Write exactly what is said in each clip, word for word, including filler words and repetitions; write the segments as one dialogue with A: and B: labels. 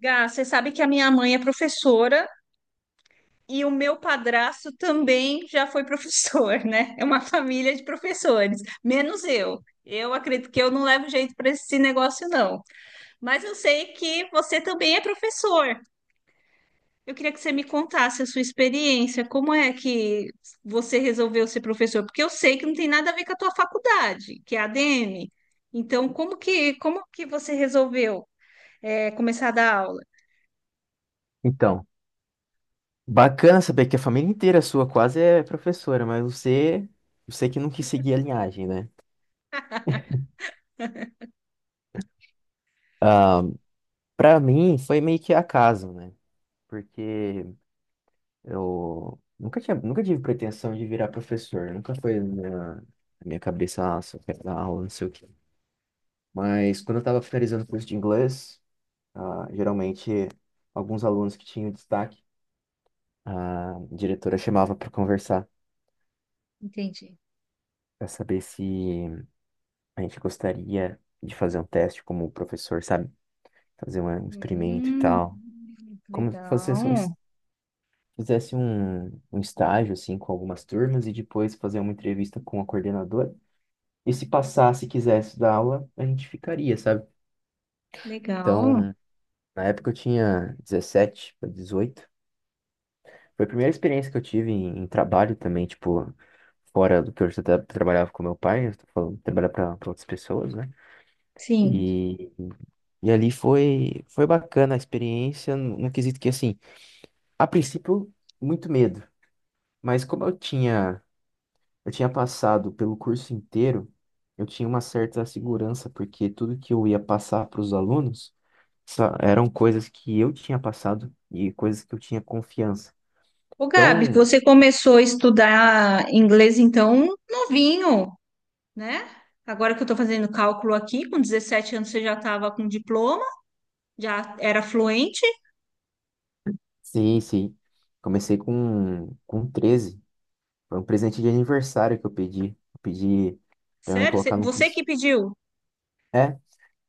A: Gá, você sabe que a minha mãe é professora e o meu padrasto também já foi professor, né? É uma família de professores, menos eu. Eu acredito que eu não levo jeito para esse negócio, não. Mas eu sei que você também é professor. Eu queria que você me contasse a sua experiência, como é que você resolveu ser professor? Porque eu sei que não tem nada a ver com a tua faculdade, que é a ADM. Então, como que, como que você resolveu, eh, começar a dar aula?
B: Então, bacana saber que a família inteira sua quase é professora, mas você, você que não quis seguir a linhagem, né? Ah, para mim foi meio que acaso, né? Porque eu nunca tinha, nunca tive pretensão de virar professor, nunca foi na minha, na minha cabeça, nossa, eu quero dar aula, não sei o quê. Mas quando eu estava finalizando o curso de inglês, ah, geralmente alguns alunos que tinham destaque, a diretora chamava para conversar,
A: Entendi.
B: para saber se a gente gostaria de fazer um teste como o professor, sabe? Fazer um um experimento e
A: Hum,
B: tal. Como se fosse um es-
A: legal,
B: fizesse um, um estágio, assim, com algumas turmas e depois fazer uma entrevista com a coordenadora. E se passasse e quisesse dar aula, a gente ficaria, sabe?
A: legal.
B: Então, na época eu tinha dezessete para dezoito. Foi a primeira experiência que eu tive em, em trabalho também, tipo, fora do que eu já tra- trabalhava com meu pai. Eu tô falando, trabalhar para outras pessoas, né?
A: Sim.
B: E, e ali foi, foi bacana a experiência, no, no quesito que, assim, a princípio, muito medo. Mas como eu tinha, eu tinha passado pelo curso inteiro, eu tinha uma certa segurança, porque tudo que eu ia passar para os alunos sa- eram coisas que eu tinha passado e coisas que eu tinha confiança.
A: Ô, Gabi,
B: Então,
A: você começou a estudar inglês, então, novinho, né? Agora que eu estou fazendo cálculo aqui, com dezessete anos você já estava com diploma, já era fluente?
B: sim, sim. Comecei com, com treze. Foi um presente de aniversário que eu pedi. Eu pedi para me
A: Sério?
B: colocar
A: Você
B: no
A: você
B: curso.
A: que pediu?
B: É,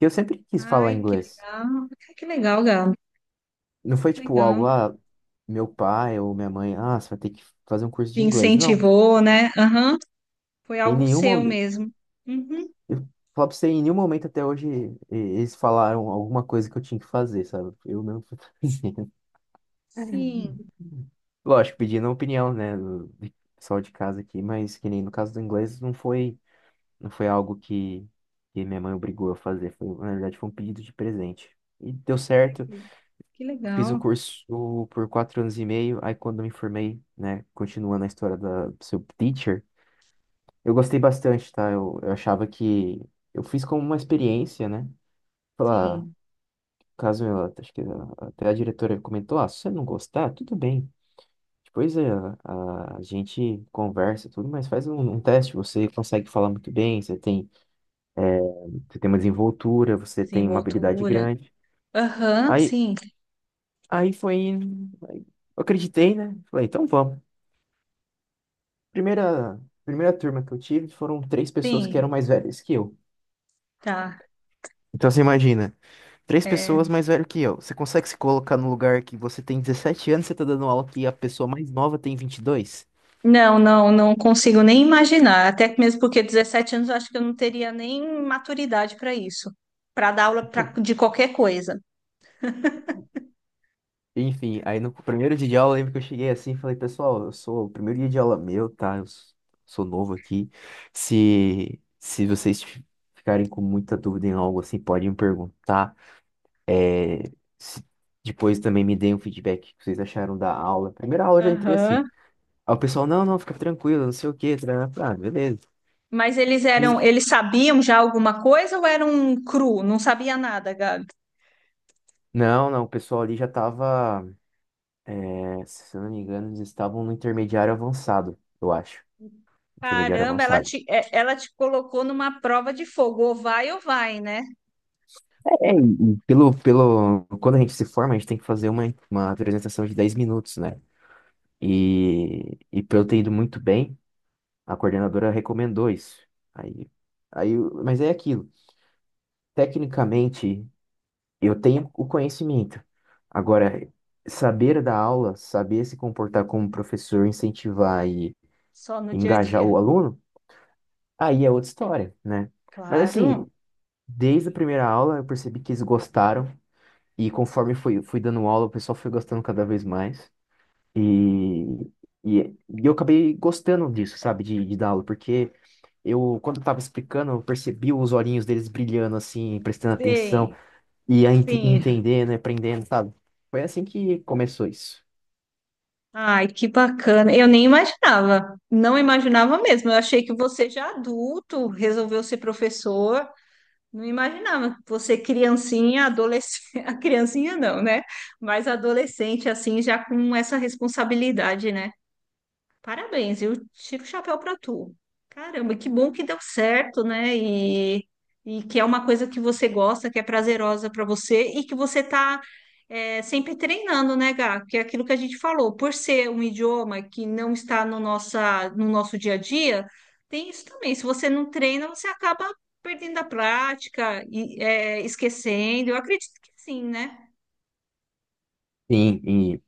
B: eu sempre quis falar
A: Ai, que
B: inglês.
A: legal. Ai, que legal, Gabi.
B: Não foi tipo algo,
A: Legal.
B: ah, meu pai ou minha mãe, ah, você vai ter que fazer um curso
A: Te
B: de inglês. Não.
A: incentivou, né? Aham. Foi
B: Em
A: algo
B: nenhum
A: seu
B: momento.
A: mesmo. Uhum.
B: Eu falo pra você, em nenhum momento até hoje e- eles falaram alguma coisa que eu tinha que fazer, sabe? Eu mesmo fui fazendo.
A: Sim.
B: Lógico, pedindo a opinião, né, do do pessoal de casa aqui, mas que nem no caso do inglês, não foi, não foi algo que, que minha mãe obrigou a fazer. Foi, na verdade, foi um pedido de presente. E deu certo.
A: Que
B: Fiz o
A: legal.
B: curso por quatro anos e meio, aí quando eu me formei, né, continuando a história da do seu teacher, eu gostei bastante, tá? Eu, eu achava que eu fiz como uma experiência, né? Falar, "Ah,
A: Sim.
B: caso eu, acho que ah, até a diretora comentou, ah, se você não gostar, tudo bem. Depois é, a, a gente conversa tudo, mas faz um, um teste, você consegue falar muito bem, você tem, você tem uma desenvoltura, você tem uma habilidade
A: Desenvoltura.
B: grande.
A: Aham,
B: Aí,
A: sim,
B: aí foi, Aí eu acreditei, né? Falei, então vamos. Primeira, primeira turma que eu tive foram três pessoas que eram
A: sim,
B: mais velhas que eu.
A: tá.
B: Então você imagina, três
A: É.
B: pessoas mais velho que eu. Você consegue se colocar no lugar que você tem dezessete anos, e você tá dando aula que a pessoa mais nova tem vinte e dois.
A: Não, não, não consigo nem imaginar. Até que mesmo porque dezessete anos eu acho que eu não teria nem maturidade para isso, para dar aula pra, de qualquer coisa.
B: Enfim, aí no primeiro dia de aula, eu lembro que eu cheguei assim e falei, pessoal, eu sou o primeiro dia de aula meu, tá? Eu s- sou novo aqui. Se, se vocês fi- ficarem com muita dúvida em algo assim, podem me perguntar. É, Se- Depois também me deem um feedback que vocês acharam da aula. Primeira aula eu já entrei assim.
A: Aham.
B: Aí o pessoal, não, não, fica tranquilo, não sei o quê, tarará. Ah, beleza.
A: Mas eles eram,
B: Eles-
A: eles sabiam já alguma coisa ou eram cru? Não sabia nada, Gabi.
B: Não, não, o pessoal ali já tava, é, se eu não me engano, eles estavam no intermediário avançado, eu acho. Intermediário
A: Caramba, ela
B: avançado.
A: te, é- ela te colocou numa prova de fogo, ou vai ou vai, né?
B: É, e pelo, pelo, quando a gente se forma, a gente tem que fazer uma, uma apresentação de dez minutos, né? E, e pelo ter ido muito bem, a coordenadora recomendou isso. Aí, aí, mas é aquilo. Tecnicamente, eu tenho o conhecimento. Agora, saber dar aula, saber se comportar como professor, incentivar e
A: Só no dia a
B: engajar
A: dia.
B: o aluno, aí é outra história, né? Mas assim,
A: Claro.
B: desde a primeira aula eu percebi que eles gostaram e conforme fui, fui dando aula, o pessoal foi gostando cada vez mais. E, e, e eu acabei gostando disso, sabe, de, de dar aula, porque eu, quando eu tava explicando, eu percebi os olhinhos deles brilhando assim, prestando atenção.
A: Sim,
B: E a ent-
A: sim.
B: entendendo, e aprendendo, sabe? Foi assim que começou isso.
A: Ai, que bacana. Eu nem imaginava. Não imaginava mesmo. Eu achei que você já adulto resolveu ser professor. Não imaginava. Você criancinha, adolescente, a criancinha não, né? Mas adolescente assim já com essa responsabilidade, né? Parabéns, eu tiro o chapéu para tu. Caramba, que bom que deu certo, né? E, e que é uma coisa que você gosta, que é prazerosa para você e que você tá é, sempre treinando, né, Gá? Que é aquilo que a gente falou, por ser um idioma que não está no nossa, no nosso dia a dia, tem isso também. Se você não treina, você acaba perdendo a prática e é, esquecendo. Eu acredito que sim, né?
B: Sim, e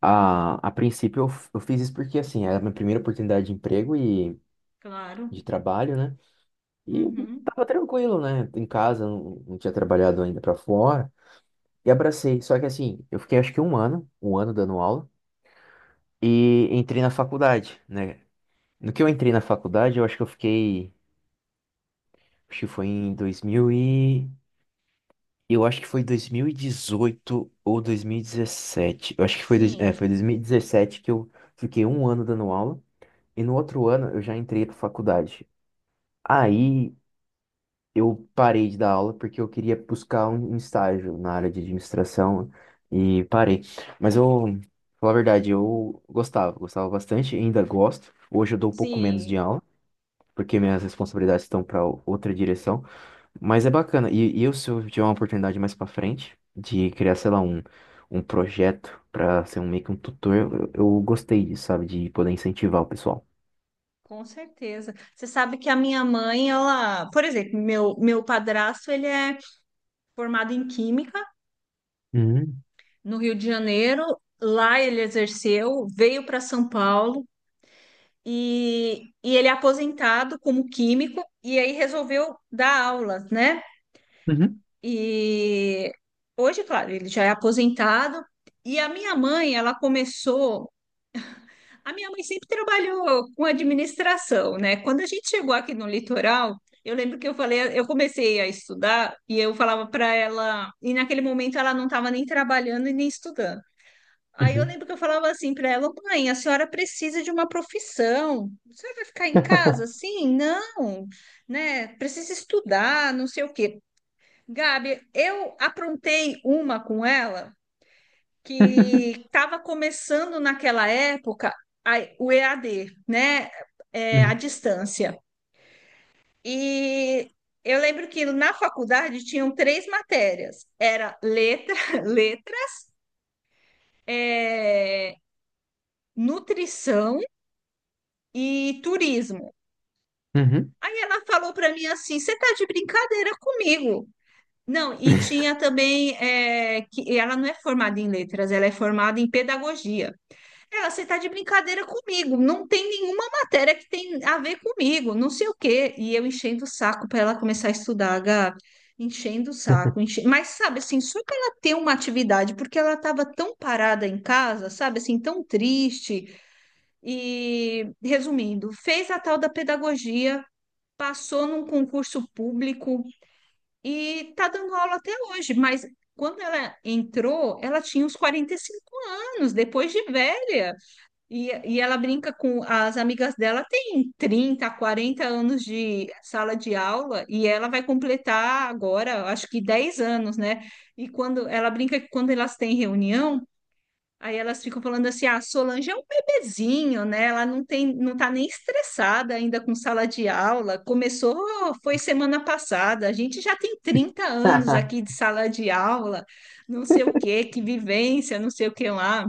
B: a, a princípio eu, f- eu fiz isso porque, assim, era a minha primeira oportunidade de emprego e
A: Claro.
B: de trabalho, né? E
A: Uhum.
B: tava tranquilo, né? Em casa, não, não tinha trabalhado ainda pra fora. E abracei. Só que, assim, eu fiquei acho que um ano, um ano dando aula e entrei na faculdade, né? No que eu entrei na faculdade, eu acho que eu fiquei, acho que foi em dois mil e... Eu acho que foi dois mil e dezoito ou dois mil e dezessete. Eu acho que foi, dois- é,
A: Sim,
B: foi dois mil e dezessete que eu fiquei um ano dando aula. E no outro ano eu já entrei pra faculdade. Aí eu parei de dar aula porque eu queria buscar um um estágio na área de administração e parei. Mas eu, falar a verdade, eu gostava, gostava bastante, ainda gosto. Hoje eu dou um pouco menos de
A: sim.
B: aula porque minhas responsabilidades estão para outra direção. Mas é bacana. E, e eu, se eu tiver uma oportunidade mais pra frente de criar, sei lá, um, um projeto pra ser um, meio que um tutor, eu, eu gostei disso, sabe? De poder incentivar o pessoal.
A: Com certeza. Você sabe que a minha mãe, ela, por exemplo, meu, meu padrasto, ele é formado em Química
B: Uhum,
A: no Rio de Janeiro. Lá ele exerceu, veio para São Paulo e, e ele é aposentado como químico e aí resolveu dar aulas, né?
B: uhum,
A: E hoje, claro, ele já é aposentado. E a minha mãe, ela começou. A minha mãe sempre trabalhou com administração, né? Quando a gente chegou aqui no litoral, eu lembro que eu falei, eu comecei a estudar e eu falava para ela, e naquele momento ela não estava nem trabalhando e nem estudando. Aí eu
B: uhum.
A: lembro que eu falava assim para ela: mãe, a senhora precisa de uma profissão. A senhora vai ficar em casa assim? Não, né? Precisa estudar, não sei o quê. Gabi, eu aprontei uma com ela que estava começando naquela época a- o E A D, né? É, a
B: Uhum,
A: distância. E eu lembro que na faculdade tinham três matérias: era letra, letra, é, nutrição e turismo.
B: uhum.
A: Aí ela falou para mim assim: você tá de brincadeira comigo? Não, e tinha também é, que ela não é formada em letras, ela é formada em pedagogia. É, você tá de brincadeira comigo. Não tem nenhuma matéria que tem a ver comigo, não sei o quê. E eu enchendo o saco para ela começar a estudar, Gabi. Enchendo o saco. enche- Mas, sabe, assim, só para ela ter uma atividade, porque ela estava tão parada em casa, sabe, assim, tão triste. E, resumindo, fez a tal da pedagogia, passou num concurso público e tá dando aula até hoje. Mas quando ela entrou, ela tinha uns quarenta e cinco anos, depois de velha. E, e ela brinca com as amigas dela, tem trinta quarenta anos de sala de aula, e ela vai completar agora, acho que dez anos, né? E quando ela brinca que quando elas têm reunião, aí elas ficam falando assim: ah, a Solange é um bebezinho, né? Ela não tem, não tá nem estressada ainda com sala de aula. Começou, foi semana passada, a gente já tem trinta anos aqui de sala de aula, não sei o quê, que vivência, não sei o que lá.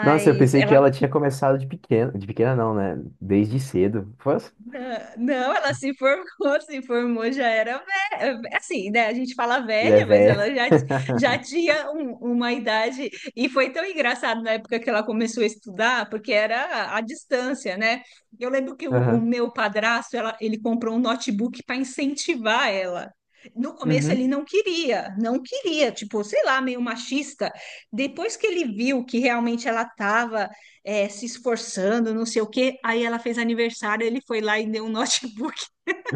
B: Nossa, eu pensei que
A: ela.
B: ela tinha começado de pequena. De pequena não, né? Desde cedo. Pô,
A: Não, não, ela se formou, se formou, já era velha. Assim, né? A gente fala
B: já é
A: velha, mas ela
B: velha.
A: já, já tinha um- uma idade. E foi tão engraçado na época que ela começou a estudar, porque era à distância, né? Eu lembro que o, o
B: Aham.
A: meu padrasto, ela, ele comprou um notebook para incentivar ela. No começo ele
B: Uhum,
A: não queria, não queria, tipo, sei lá, meio machista. Depois que ele viu que realmente ela estava é, se esforçando, não sei o quê. Aí ela fez aniversário, ele foi lá e deu um notebook,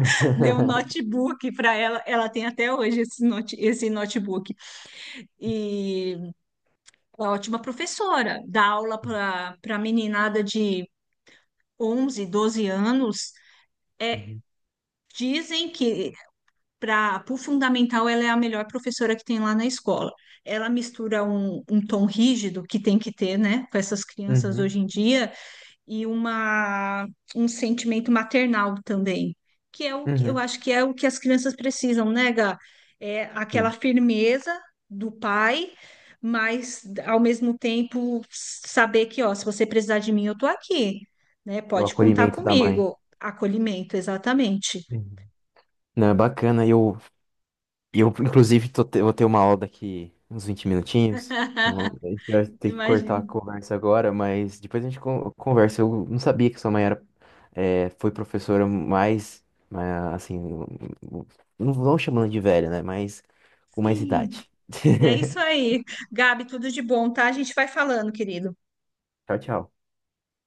A: deu um notebook para ela. Ela tem até hoje esse, note, esse notebook. E ela é ótima professora, dá aula para para meninada de onze, doze anos.
B: uhum,
A: Dizem que para o fundamental ela é a melhor professora que tem lá na escola. Ela mistura um, um tom rígido que tem que ter, né, com essas crianças
B: uhum,
A: hoje em dia, e uma, um sentimento maternal também, que é o que eu
B: uhum.
A: acho que é o que as crianças precisam, né, Gá? É aquela
B: Sim.
A: firmeza do pai, mas ao mesmo tempo saber que, ó, se você precisar de mim, eu tô aqui, né?
B: É o
A: Pode contar
B: acolhimento da mãe.
A: comigo. Acolhimento, exatamente.
B: Não, é bacana. Eu, eu inclusive, tô te- vou ter uma aula daqui uns vinte minutinhos. Eu vou, a gente vai ter que cortar
A: Imagino.
B: a conversa agora, mas depois a gente con- conversa. Eu não sabia que sua mãe era, é, foi professora mais, mas, assim, não vão chamando de velha, né? Mas com mais
A: Sim,
B: idade.
A: é isso aí. Gabi, tudo de bom, tá? A gente vai falando, querido.
B: Tchau, tchau.